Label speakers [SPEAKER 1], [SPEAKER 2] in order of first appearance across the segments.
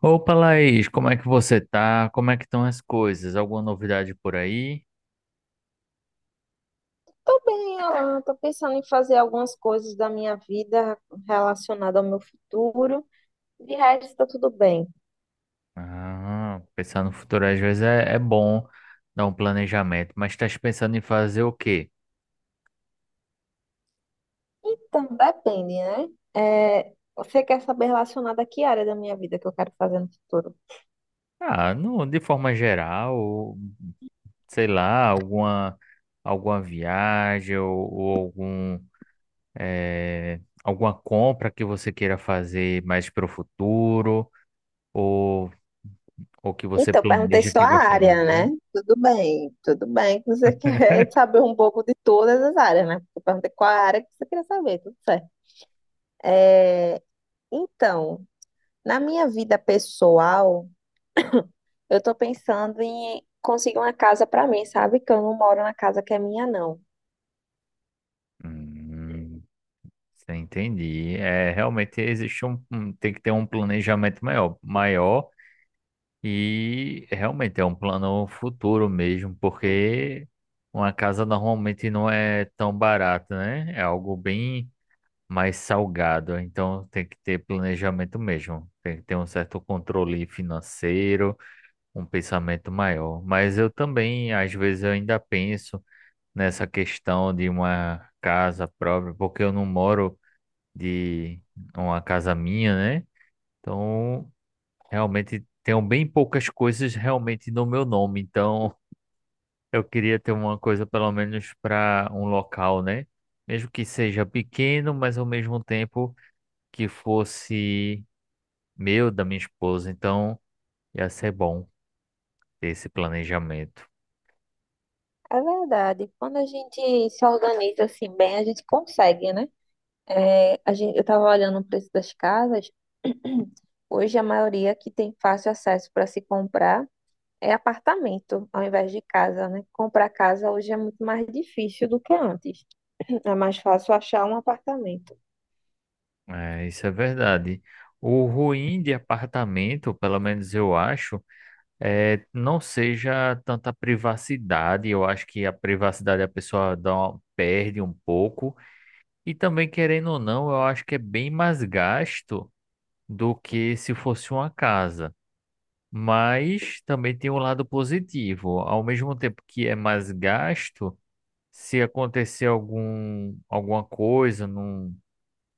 [SPEAKER 1] Opa, Laís, como é que você tá? Como é que estão as coisas? Alguma novidade por aí?
[SPEAKER 2] Tô bem, Alan. Tô pensando em fazer algumas coisas da minha vida relacionada ao meu futuro. De resto, tá tudo bem.
[SPEAKER 1] Ah, pensar no futuro às vezes é bom dar um planejamento, mas estás pensando em fazer o quê?
[SPEAKER 2] Então, depende, né? É, você quer saber relacionada a que área da minha vida que eu quero fazer no futuro?
[SPEAKER 1] Ah, não, de forma geral, ou, sei lá, alguma viagem ou algum, alguma compra que você queira fazer mais para o futuro ou, ou que você
[SPEAKER 2] Então, perguntei
[SPEAKER 1] planeja
[SPEAKER 2] só
[SPEAKER 1] que
[SPEAKER 2] a área,
[SPEAKER 1] gostaria.
[SPEAKER 2] né? Tudo bem que você quer saber um pouco de todas as áreas, né? Eu perguntei qual a área que você queria saber, tudo certo. Então, na minha vida pessoal, eu tô pensando em conseguir uma casa pra mim, sabe? Que eu não moro na casa que é minha, não.
[SPEAKER 1] Hum. Você entendi. É, realmente tem que ter um planejamento maior, maior e realmente é um plano futuro mesmo, porque uma casa normalmente não é tão barata, né? É algo bem mais salgado, então tem que ter planejamento mesmo. Tem que ter um certo controle financeiro, um pensamento maior. Mas eu também, às vezes, eu ainda penso nessa questão de uma casa própria, porque eu não moro de uma casa minha, né? Então, realmente tenho bem poucas coisas realmente no meu nome. Então, eu queria ter uma coisa pelo menos para um local, né? Mesmo que seja pequeno, mas ao mesmo tempo que fosse meu, da minha esposa. Então, ia ser bom ter esse planejamento.
[SPEAKER 2] É verdade. Quando a gente se organiza assim bem, a gente consegue, né? É, a gente, eu tava olhando o preço das casas. Hoje a maioria que tem fácil acesso para se comprar é apartamento, ao invés de casa, né? Comprar casa hoje é muito mais difícil do que antes. É mais fácil achar um apartamento.
[SPEAKER 1] É, isso é verdade. O ruim de apartamento, pelo menos eu acho, é, não seja tanta privacidade. Eu acho que a privacidade a pessoa perde um pouco. E também, querendo ou não, eu acho que é bem mais gasto do que se fosse uma casa. Mas também tem um lado positivo. Ao mesmo tempo que é mais gasto, se acontecer alguma coisa,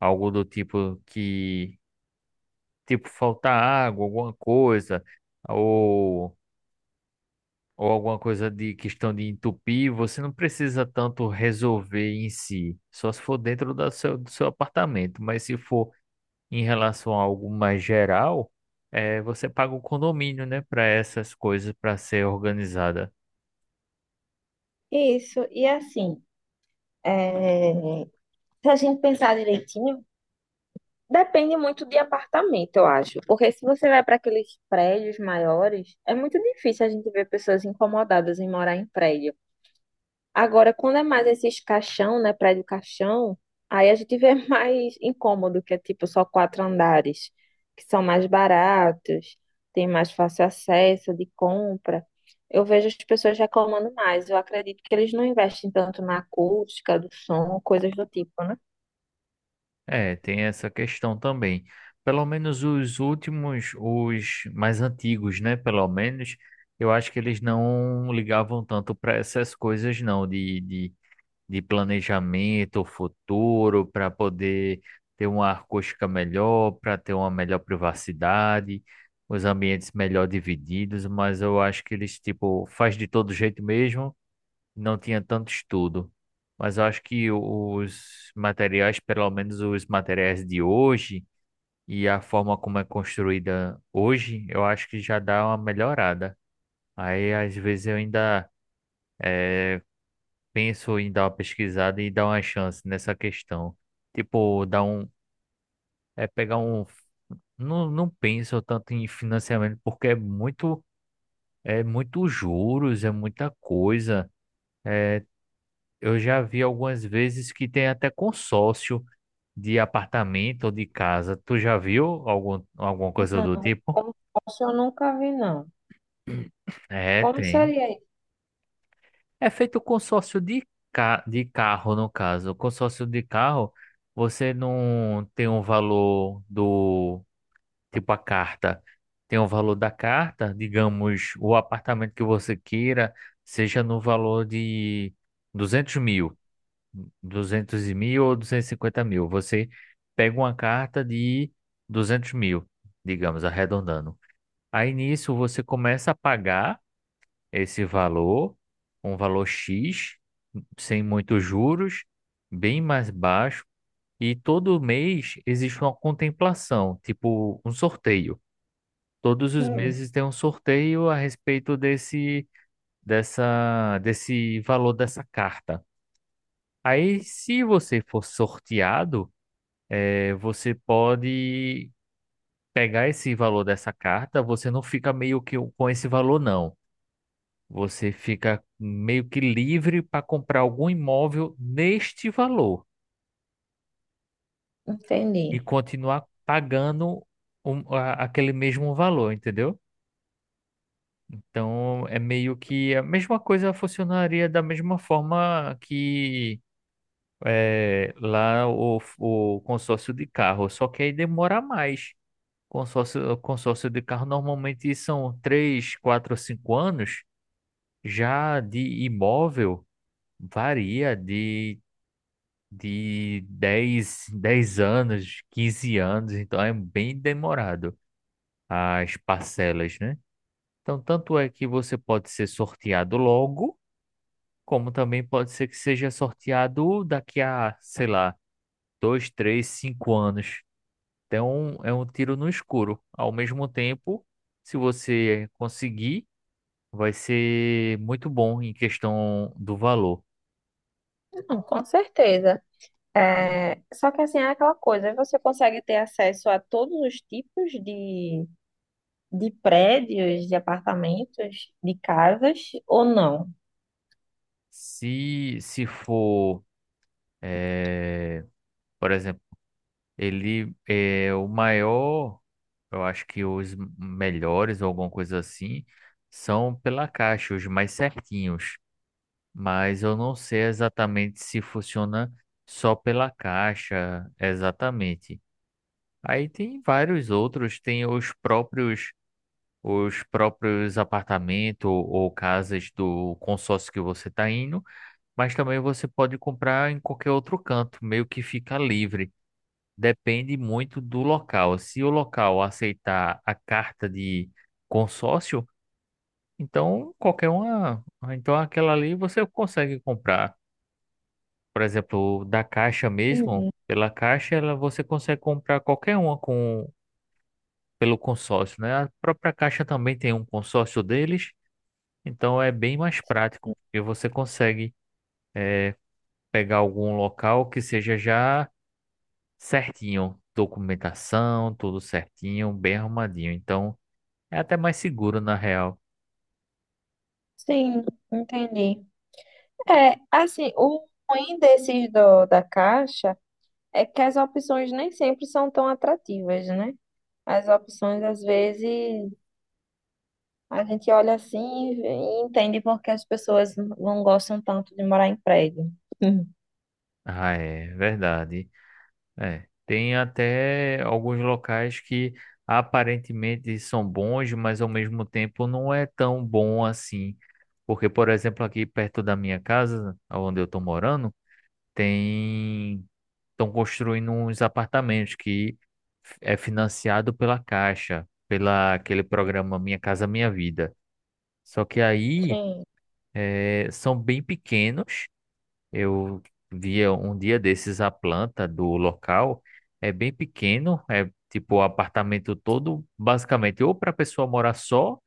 [SPEAKER 1] algo do tipo que, tipo, faltar água, alguma coisa, ou alguma coisa de questão de entupir, você não precisa tanto resolver em si, só se for dentro do seu apartamento. Mas se for em relação a algo mais geral, é, você paga o condomínio, né, para essas coisas para ser organizada.
[SPEAKER 2] Isso, e assim, é, se a gente pensar direitinho. Depende muito de apartamento, eu acho. Porque se você vai para aqueles prédios maiores, é muito difícil a gente ver pessoas incomodadas em morar em prédio. Agora, quando é mais esses caixão, né, prédio caixão, aí a gente vê mais incômodo, que é tipo só quatro andares, que são mais baratos, tem mais fácil acesso de compra. Eu vejo as pessoas reclamando mais. Eu acredito que eles não investem tanto na acústica do som, coisas do tipo, né?
[SPEAKER 1] É, tem essa questão também. Pelo menos os últimos, os mais antigos, né, pelo menos, eu acho que eles não ligavam tanto para essas coisas, não, de planejamento futuro para poder ter uma acústica melhor, para ter uma melhor privacidade, os ambientes melhor divididos, mas eu acho que eles tipo faz de todo jeito mesmo, não tinha tanto estudo. Mas eu acho que os materiais, pelo menos os materiais de hoje e a forma como é construída hoje, eu acho que já dá uma melhorada. Aí às vezes eu ainda penso em dar uma pesquisada e dar uma chance nessa questão. Tipo, é pegar um, não, não penso tanto em financiamento porque é muito juros, é muita coisa. É, eu já vi algumas vezes que tem até consórcio de apartamento ou de casa. Tu já viu alguma coisa do tipo?
[SPEAKER 2] Como se fosse, eu nunca vi, não.
[SPEAKER 1] É,
[SPEAKER 2] Como
[SPEAKER 1] tem.
[SPEAKER 2] seria.
[SPEAKER 1] É feito consórcio de carro, no caso. Consórcio de carro, você não tem um valor do. Tipo a carta. Tem o valor da carta, digamos, o apartamento que você queira, seja no valor de 200 mil, 200.000 ou 250.000. Você pega uma carta de 200.000, digamos, arredondando. Aí nisso você começa a pagar esse valor, um valor X, sem muitos juros, bem mais baixo, e todo mês existe uma contemplação, tipo um sorteio. Todos os
[SPEAKER 2] Hum,
[SPEAKER 1] meses tem um sorteio a respeito desse valor dessa carta. Aí, se você for sorteado, você pode pegar esse valor dessa carta, você não fica meio que com esse valor, não. Você fica meio que livre para comprar algum imóvel neste valor e
[SPEAKER 2] entendi.
[SPEAKER 1] continuar pagando aquele mesmo valor, entendeu? Então é meio que a mesma coisa funcionaria da mesma forma que lá o consórcio de carro, só que aí demora mais. Consórcio de carro normalmente são 3, 4, 5 anos, já de imóvel varia de dez anos, 15 anos, então é bem demorado as parcelas, né? Então, tanto é que você pode ser sorteado logo, como também pode ser que seja sorteado daqui a, sei lá, 2, 3, 5 anos. Então, é um tiro no escuro. Ao mesmo tempo, se você conseguir, vai ser muito bom em questão do valor.
[SPEAKER 2] Não, com certeza. É, só que assim, é aquela coisa, você consegue ter acesso a todos os tipos de prédios, de apartamentos, de casas, ou não?
[SPEAKER 1] Se for, eh, por exemplo, ele é o maior, eu acho que os melhores ou alguma coisa assim, são pela Caixa, os mais certinhos. Mas eu não sei exatamente se funciona só pela Caixa, exatamente. Aí tem vários outros, tem os próprios apartamentos ou casas do consórcio que você está indo, mas também você pode comprar em qualquer outro canto, meio que fica livre. Depende muito do local. Se o local aceitar a carta de consórcio, então qualquer uma, então aquela ali você consegue comprar. Por exemplo, da Caixa
[SPEAKER 2] Hum.
[SPEAKER 1] mesmo, pela Caixa ela, você consegue comprar qualquer uma com pelo consórcio, né? A própria Caixa também tem um consórcio deles, então é bem mais prático, porque você consegue pegar algum local que seja já certinho, documentação, tudo certinho, bem arrumadinho. Então é até mais seguro, na real.
[SPEAKER 2] Sim, entendi. É, assim, o ruim desses do, da Caixa é que as opções nem sempre são tão atrativas, né? As opções, às vezes, a gente olha assim e entende porque as pessoas não gostam tanto de morar em prédio.
[SPEAKER 1] Ah, é verdade. É. Tem até alguns locais que aparentemente são bons, mas ao mesmo tempo não é tão bom assim. Porque, por exemplo, aqui perto da minha casa, onde eu tô morando, tem... estão construindo uns apartamentos que é financiado pela Caixa, pela aquele programa Minha Casa Minha Vida. Só que aí
[SPEAKER 2] Sim.
[SPEAKER 1] são bem pequenos. Eu via um dia desses a planta do local, é bem pequeno, é tipo o apartamento todo, basicamente, ou para a pessoa morar só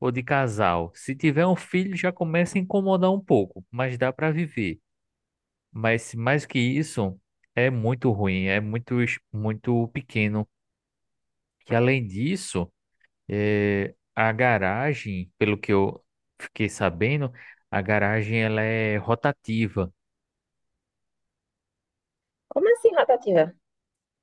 [SPEAKER 1] ou de casal. Se tiver um filho, já começa a incomodar um pouco, mas dá para viver. Mas mais que isso, é muito ruim, é muito, muito pequeno. Que além disso, a garagem, pelo que eu fiquei sabendo, a garagem ela é rotativa.
[SPEAKER 2] Como assim, rotativa?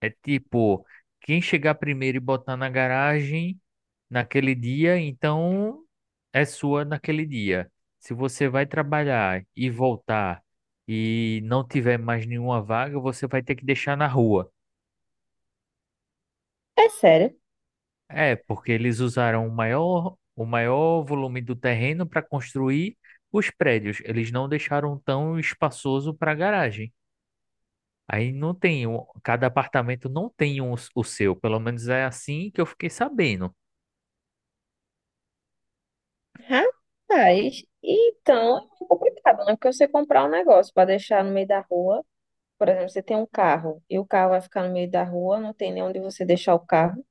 [SPEAKER 1] É tipo, quem chegar primeiro e botar na garagem naquele dia, então é sua naquele dia. Se você vai trabalhar e voltar e não tiver mais nenhuma vaga, você vai ter que deixar na rua.
[SPEAKER 2] É sério?
[SPEAKER 1] É, porque eles usaram o maior volume do terreno para construir os prédios. Eles não deixaram tão espaçoso para garagem. Aí não tem, cada apartamento não tem o seu. Pelo menos é assim que eu fiquei sabendo.
[SPEAKER 2] Rapaz, então é muito complicado, né? Porque você comprar um negócio para deixar no meio da rua, por exemplo, você tem um carro e o carro vai ficar no meio da rua, não tem nem onde você deixar o carro.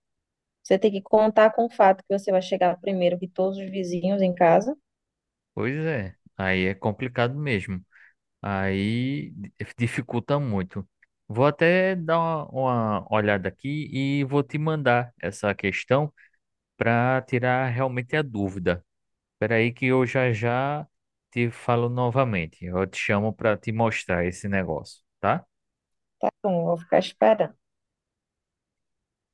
[SPEAKER 2] Você tem que contar com o fato que você vai chegar primeiro que todos os vizinhos em casa.
[SPEAKER 1] Pois é, aí é complicado mesmo. Aí dificulta muito. Vou até dar uma olhada aqui e vou te mandar essa questão para tirar realmente a dúvida. Espera aí que eu já já te falo novamente. Eu te chamo para te mostrar esse negócio, tá?
[SPEAKER 2] Tá bom, eu vou ficar esperando.